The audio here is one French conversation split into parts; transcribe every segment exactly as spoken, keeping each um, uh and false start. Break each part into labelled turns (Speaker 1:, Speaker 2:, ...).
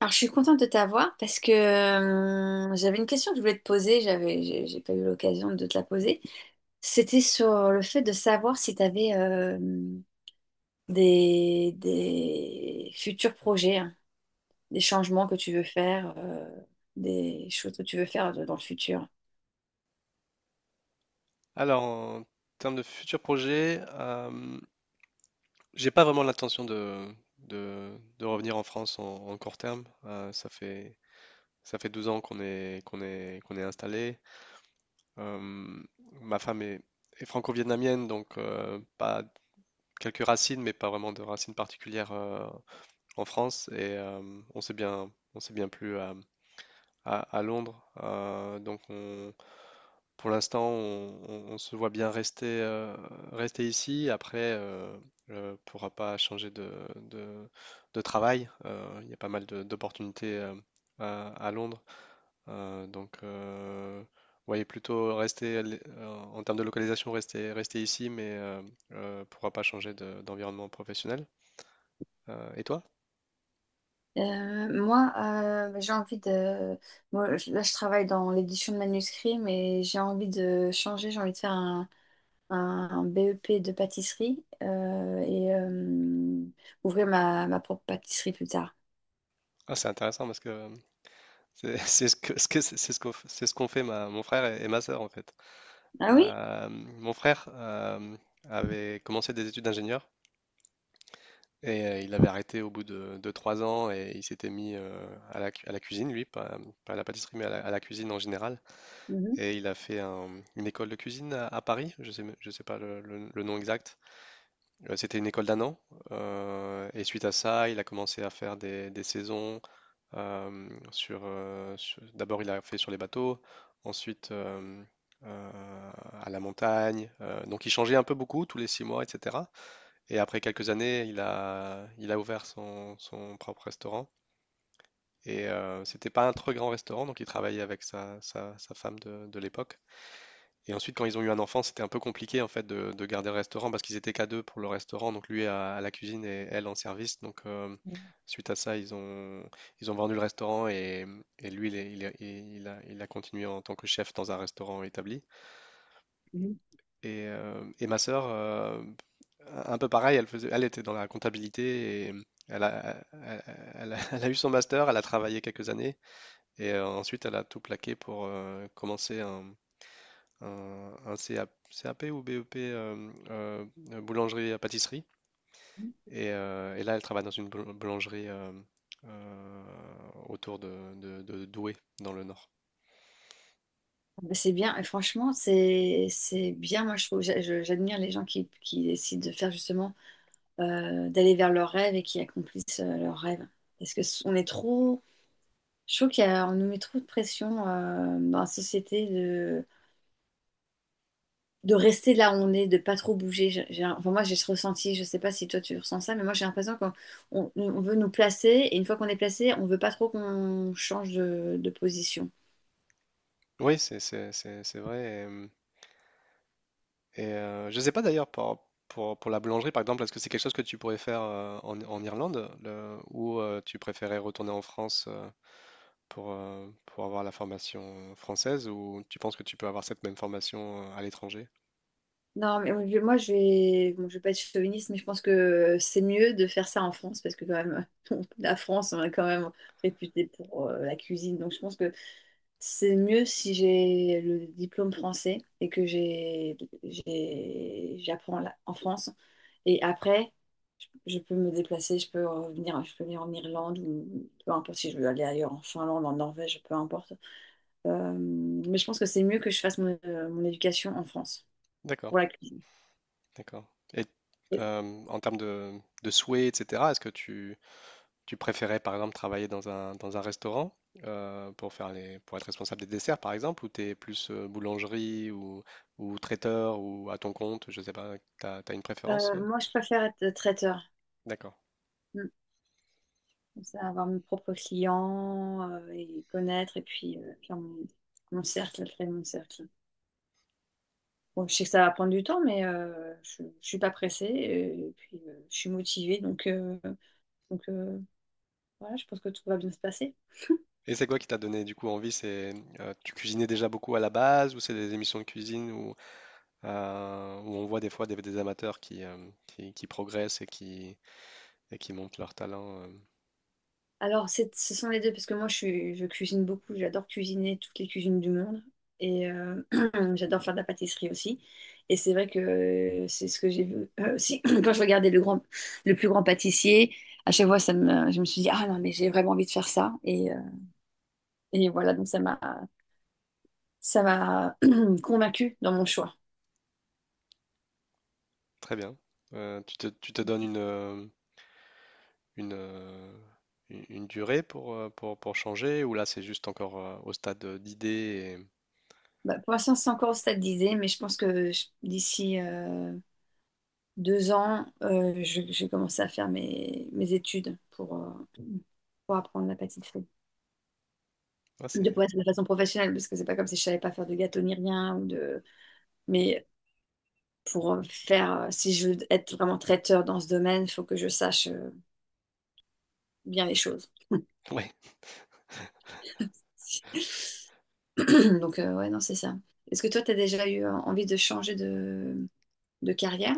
Speaker 1: Alors, je suis contente de t'avoir parce que euh, j'avais une question que je voulais te poser, j'avais, j'ai j'ai pas eu l'occasion de te la poser. C'était sur le fait de savoir si tu avais des, des futurs projets, hein, des changements que tu veux faire, euh, des choses que tu veux faire de- dans le futur.
Speaker 2: Alors, en termes de futurs projets, euh, j'ai pas vraiment l'intention de, de, de revenir en France en, en court terme. Euh, ça fait, ça fait douze ans qu'on est, qu'on est, qu'on est installé. Euh, Ma femme est, est franco-vietnamienne, donc euh, pas quelques racines, mais pas vraiment de racines particulières euh, en France. Et euh, on s'est bien, on s'est bien plu à, à Londres. Euh, donc on- pour l'instant, on, on- on se voit bien rester, euh, rester ici. Après, euh, ne pourra pas changer de, de- de travail. Euh, il y a pas mal de- d'opportunités euh, à, à Londres. Euh, donc, euh, voyez plutôt rester l- euh, en termes de localisation, rester, rester ici, mais euh, euh, pourra pas changer de- d'environnement professionnel. Euh, et toi?
Speaker 1: Euh, moi, euh, j'ai envie de... moi, je- là, je travaille dans l'édition de manuscrits, mais j'ai envie de changer, j'ai envie de faire un un B E P de pâtisserie euh, et euh, ouvrir ma, ma propre pâtisserie plus tard.
Speaker 2: Ah, c'est intéressant parce que C'est c'est ce que ce que- c'est ce qu'on c'est ce qu'ont fait ma, mon frère et, et ma sœur en fait.
Speaker 1: Ah oui?
Speaker 2: Euh, mon frère euh, avait commencé des études d'ingénieur et euh, il avait arrêté au bout de, de trois ans et il s'était mis euh, à la, cu- à la cuisine lui, pas, pas à la pâtisserie mais à la, à la cuisine en général.
Speaker 1: Mhm.
Speaker 2: Et il a fait un- une école de cuisine à, à Paris, je sais, me- je sais pas le, le- le nom exact. Euh, C'était une école d'un an euh, et suite à ça il a commencé à faire des, des saisons euh, sur, euh, sur- d'abord, il a fait sur les bateaux, ensuite euh, euh, à la montagne. Euh, donc, il changeait un peu beaucoup tous les six mois, et cetera. Et après quelques années, il a, il a ouvert son, son propre restaurant. Et euh, c'était pas un très grand restaurant, donc il travaillait avec sa, sa- sa femme de, de l'époque. Et ensuite, quand ils ont eu un enfant, c'était un peu compliqué en fait de, de garder le restaurant parce qu'ils étaient qu'à deux pour le restaurant, donc lui à, à la cuisine et elle en service. Donc euh, suite à ça, ils ont ils ont vendu le restaurant et, et lui il, est- il est- il a, il a continué en tant que chef dans un restaurant établi.
Speaker 1: Mhm.
Speaker 2: Et, euh, et ma sœur, euh, un peu pareil, elle faisait, elle était dans la comptabilité et elle a, elle, elle a, elle a eu son master, elle a travaillé quelques années et euh, ensuite elle a tout plaqué pour euh, commencer un un, un C A C A P ou B E P euh, euh, euh, boulangerie à pâtisserie. Et, euh, et là, elle travaille dans une boul- boulangerie euh, euh, autour de, de- de Douai, dans le nord.
Speaker 1: Bah, c'est bien, et franchement, c'est c'est bien, moi je trouve, j'a- je- j'admire les gens qui, qui décident de faire justement, euh, d'aller vers leurs rêves et qui accomplissent euh, leurs rêves. Parce que s- on est trop, je trouve qu'on nous met trop de pression euh, dans la société de, de rester là où on est, de pas trop bouger. J'ai- j'ai enfin, moi, j'ai ce ressenti, je sais pas si toi tu ressens ça, mais moi j'ai l'impression qu'on on- on veut nous placer et une fois qu'on est placé, on veut pas trop qu'on change de, de position.
Speaker 2: Oui, c'est c'est- c'est- c'est vrai. Et, et, euh, je ne sais pas d'ailleurs pour, pour, pour la boulangerie, par exemple, est-ce que c'est quelque chose que tu pourrais faire euh, en, en Irlande le- ou euh, tu préférais retourner en France euh, pour, euh, pour avoir la formation française ou tu penses que tu peux avoir cette même formation euh, à l'étranger?
Speaker 1: Non, mais moi je moi, je vais, bon, je vais pas être chauviniste, mais je pense que c'est mieux de faire ça en France parce que quand même, la France, on est quand même réputé pour euh, la cuisine. Donc je pense que c'est mieux si j'ai le diplôme français et que j'ai, j'ai- j'apprends là- en France. Et après, je peux me déplacer, je peux revenir, je peux venir en Irlande ou peu importe si je veux aller ailleurs, en Finlande, en Norvège, peu importe. Euh, mais je pense que c'est mieux que je fasse mon, euh, mon éducation en France.
Speaker 2: D'accord.
Speaker 1: Pour la cuisine.
Speaker 2: D'accord. Et euh, en termes de, de souhaits, et cetera, est-ce que tu, tu préférais, par exemple, travailler dans un, dans un restaurant euh, pour faire les, pour être responsable des desserts, par exemple, ou t'es plus euh, boulangerie ou, ou traiteur ou à ton compte, je sais pas, t'as, t'as une préférence?
Speaker 1: Euh,
Speaker 2: euh
Speaker 1: moi, je préfère être traiteur.
Speaker 2: D'accord.
Speaker 1: Mm. Comme ça, avoir mes propres clients euh, et connaître et puis euh, faire mon, mon cercle, créer mon cercle. Bon, je sais que ça va prendre du temps, mais euh, je, je suis pas pressée euh, et puis euh, je suis motivée, donc, euh, donc euh, voilà, je pense que tout va bien se passer.
Speaker 2: Et c'est quoi qui t'a donné du coup envie? C'est euh, Tu cuisinais déjà beaucoup à la base ou c'est des émissions de cuisine où, euh, où on voit des fois des, des amateurs qui, euh, qui, qui progressent et qui, et qui montrent leur talent? euh
Speaker 1: Alors, c'est- ce sont les deux, parce que moi, je, suis- je cuisine beaucoup, j'adore cuisiner toutes les cuisines du monde et euh, j'adore faire de la pâtisserie aussi. Et c'est vrai que euh, c'est ce que j'ai vu euh, aussi quand je regardais le grand, le plus grand pâtissier. À chaque fois, ça me, je me suis dit, ah non, mais j'ai vraiment envie de faire ça. Et, euh, et voilà, donc ça m'a, ça m'a convaincue dans mon choix.
Speaker 2: Très bien. Euh, tu te, tu te donnes une, euh, une, euh, une- une durée pour, euh, pour, pour changer ou là c'est juste encore euh, au stade euh, d'idée et...
Speaker 1: Bah, pour l'instant, c'est encore au stade d'idée, mais je pense que je- d'ici euh, deux ans, euh, je, je vais commencer à faire mes, mes études pour, euh, pour apprendre la pâtisserie.
Speaker 2: ouais,
Speaker 1: De
Speaker 2: c'est...
Speaker 1: pouvoir faire de façon professionnelle, parce que c'est pas comme si je savais pas faire de gâteau ni rien, ou de... mais pour euh, faire, euh, si je veux être vraiment traiteur dans ce domaine, il faut que je sache euh, bien les choses.
Speaker 2: Ouais.
Speaker 1: Donc, euh, ouais, non, c'est ça. Est-ce que toi, tu as déjà eu euh, envie de changer de, de carrière?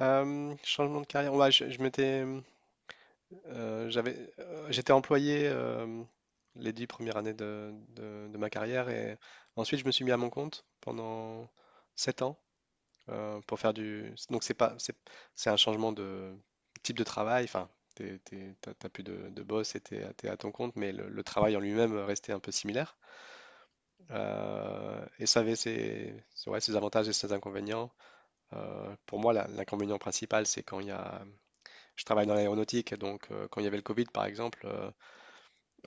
Speaker 2: Euh, changement de carrière. Ouais, je, je m'étais, euh, j'avais, euh, j'étais employé euh, les dix premières années de, de- de ma carrière et ensuite je me suis mis à mon compte pendant sept ans. Euh, pour faire du. Donc c'est pas, c'est, c'est un changement de type de travail. Enfin, t'es, t'es- t'as, t'as plus de, de boss et t'es, à- t'es à ton compte, mais le, le travail en lui-même restait un peu similaire. Euh, et ça avait ses, ses- ouais, ses avantages et ses inconvénients. Euh, pour moi, la- l'inconvénient principal, c'est quand il y a. Je travaille dans l'aéronautique, donc euh, quand il y avait le Covid, par exemple. euh,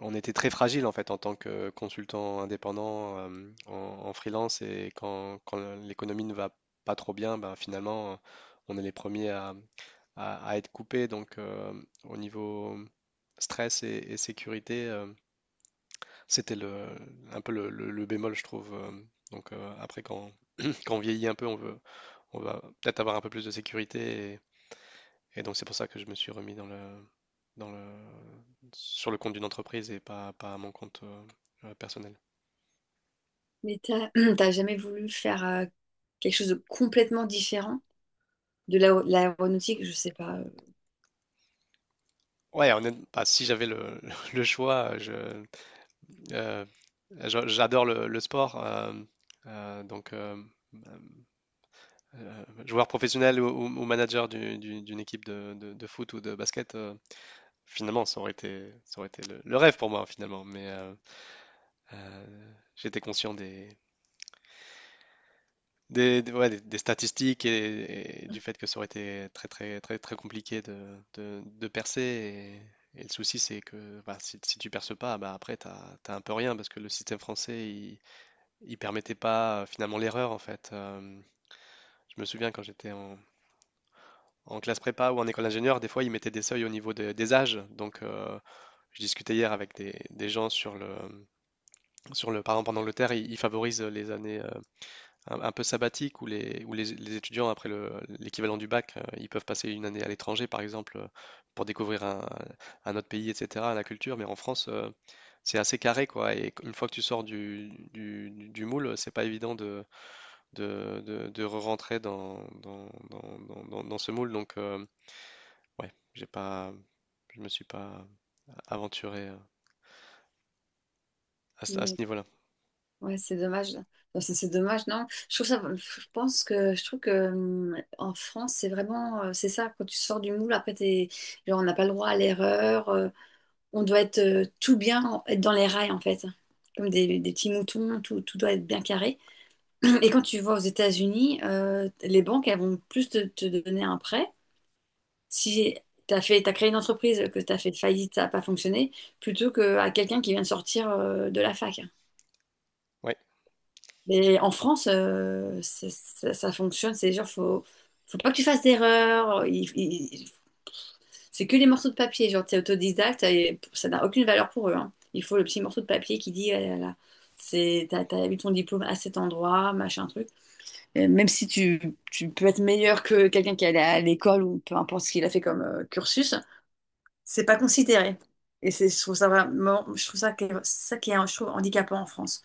Speaker 2: On était très fragile en fait en tant que consultant indépendant euh, en, en freelance et quand, quand l'économie ne va pas trop bien, ben, finalement on est les premiers à, à, à être coupés. Donc euh, au niveau stress et, et sécurité, euh, c'était le, un peu le, le- le bémol je trouve. euh, Donc euh, après quand, quand on vieillit un peu, on veut, on va peut-être avoir un peu plus de sécurité et donc c'est pour ça que je me suis remis dans le, dans le, sur le compte d'une entreprise et pas, pas à mon compte euh, euh, personnel.
Speaker 1: Mais t'as, t'as jamais voulu faire euh, quelque chose de complètement différent de l'aé- l'aéronautique, je sais pas. euh,
Speaker 2: Ouais, honnête- bah, si j'avais le, le choix, je, euh, je- j'adore le, le sport. Euh, euh, donc, euh, euh, joueur professionnel ou, ou- ou manager du- du- d'une équipe de, de- de foot ou de basket, euh, finalement, ça aurait été, ça aurait été le, le rêve pour moi, finalement. Mais euh, euh, j'étais conscient des, Des, des- ouais, des, des statistiques et, et du fait que ça aurait été très très très très compliqué de, de- de percer. Et, et le souci, c'est que bah, si, si tu perces pas, bah, après, t'as, t'as un peu rien parce que le système français, il, il permettait pas euh, finalement l'erreur en fait. Euh, je me souviens quand j'étais en, en classe prépa ou en école d'ingénieur, des fois, ils mettaient des seuils au niveau de- des âges. Donc, euh, je discutais hier avec des, des gens sur le, sur le, par exemple, en Angleterre, ils, ils favorisent les années euh, un, un peu sabbatique où les, où les, les étudiants, après le- l'équivalent du bac, euh, ils peuvent passer une année à l'étranger, par exemple, euh, pour découvrir un, un autre pays, et cetera, la culture. Mais en France, euh, c'est assez carré, quoi. Et une fois que tu sors du, du, du- du moule, c'est pas évident de, de, de, de re-rentrer dans, dans, dans, dans, dans- dans ce moule. Donc, euh, ouais, j'ai pas, je me suis pas aventuré euh, à, ce à ce
Speaker 1: Mais
Speaker 2: niveau-là.
Speaker 1: ouais, c'est dommage. Enfin, c'est c'est dommage, non? Je trouve ça, je pense que je trouve que hum, en France, c'est vraiment, euh, c'est ça, quand tu sors du moule, après t'es, genre, on n'a pas le droit à l'erreur. Euh, on doit être euh, tout bien, en- être dans les rails en fait, comme des, des petits moutons, tout, tout doit être bien carré. Et quand tu vas aux États-Unis, euh, les banques, elles vont plus te, te donner un prêt si tu as fait, t'as créé une entreprise, que tu as fait faillite, ça n'a pas fonctionné, plutôt qu'à quelqu'un qui vient de sortir euh, de la fac.
Speaker 2: Ouais.
Speaker 1: Mais en France, euh, ça, ça- ça fonctionne, c'est genre, faut, faut pas que tu fasses d'erreur. il- il- C'est que les morceaux de papier, genre, t'es autodidacte, et ça n'a aucune valeur pour eux, hein. Il faut le petit morceau de papier qui dit, euh, là, là, c'est, t'as, t'as eu ton diplôme à cet endroit, machin truc. Euh, Même si tu, tu peux être meilleur que quelqu'un qui est allé à l'école ou peu importe ce qu'il a fait comme euh, cursus, c'est pas considéré. Et c'est, je trouve ça vraiment, je trouve ça, que- ça qui est, je trouve, handicapant en France.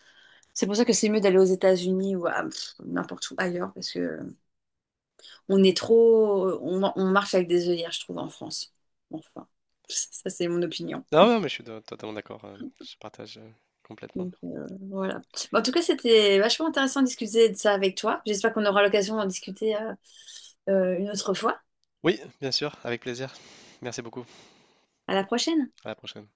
Speaker 1: C'est pour ça que c'est mieux d'aller aux États-Unis ou à pff, n'importe où ailleurs, parce que on est trop, on, on marche avec des œillères, je trouve, en France. Enfin, ça c'est mon opinion.
Speaker 2: Non, non, mais je suis de- totalement d'accord. euh, Je partage euh, complètement.
Speaker 1: Donc euh, voilà. Bon, en tout cas, c'était vachement intéressant de discuter de ça avec toi. J'espère qu'on aura l'occasion d'en discuter euh, euh, une autre fois.
Speaker 2: Oui, bien sûr, avec plaisir. Merci beaucoup.
Speaker 1: À la prochaine.
Speaker 2: À la prochaine.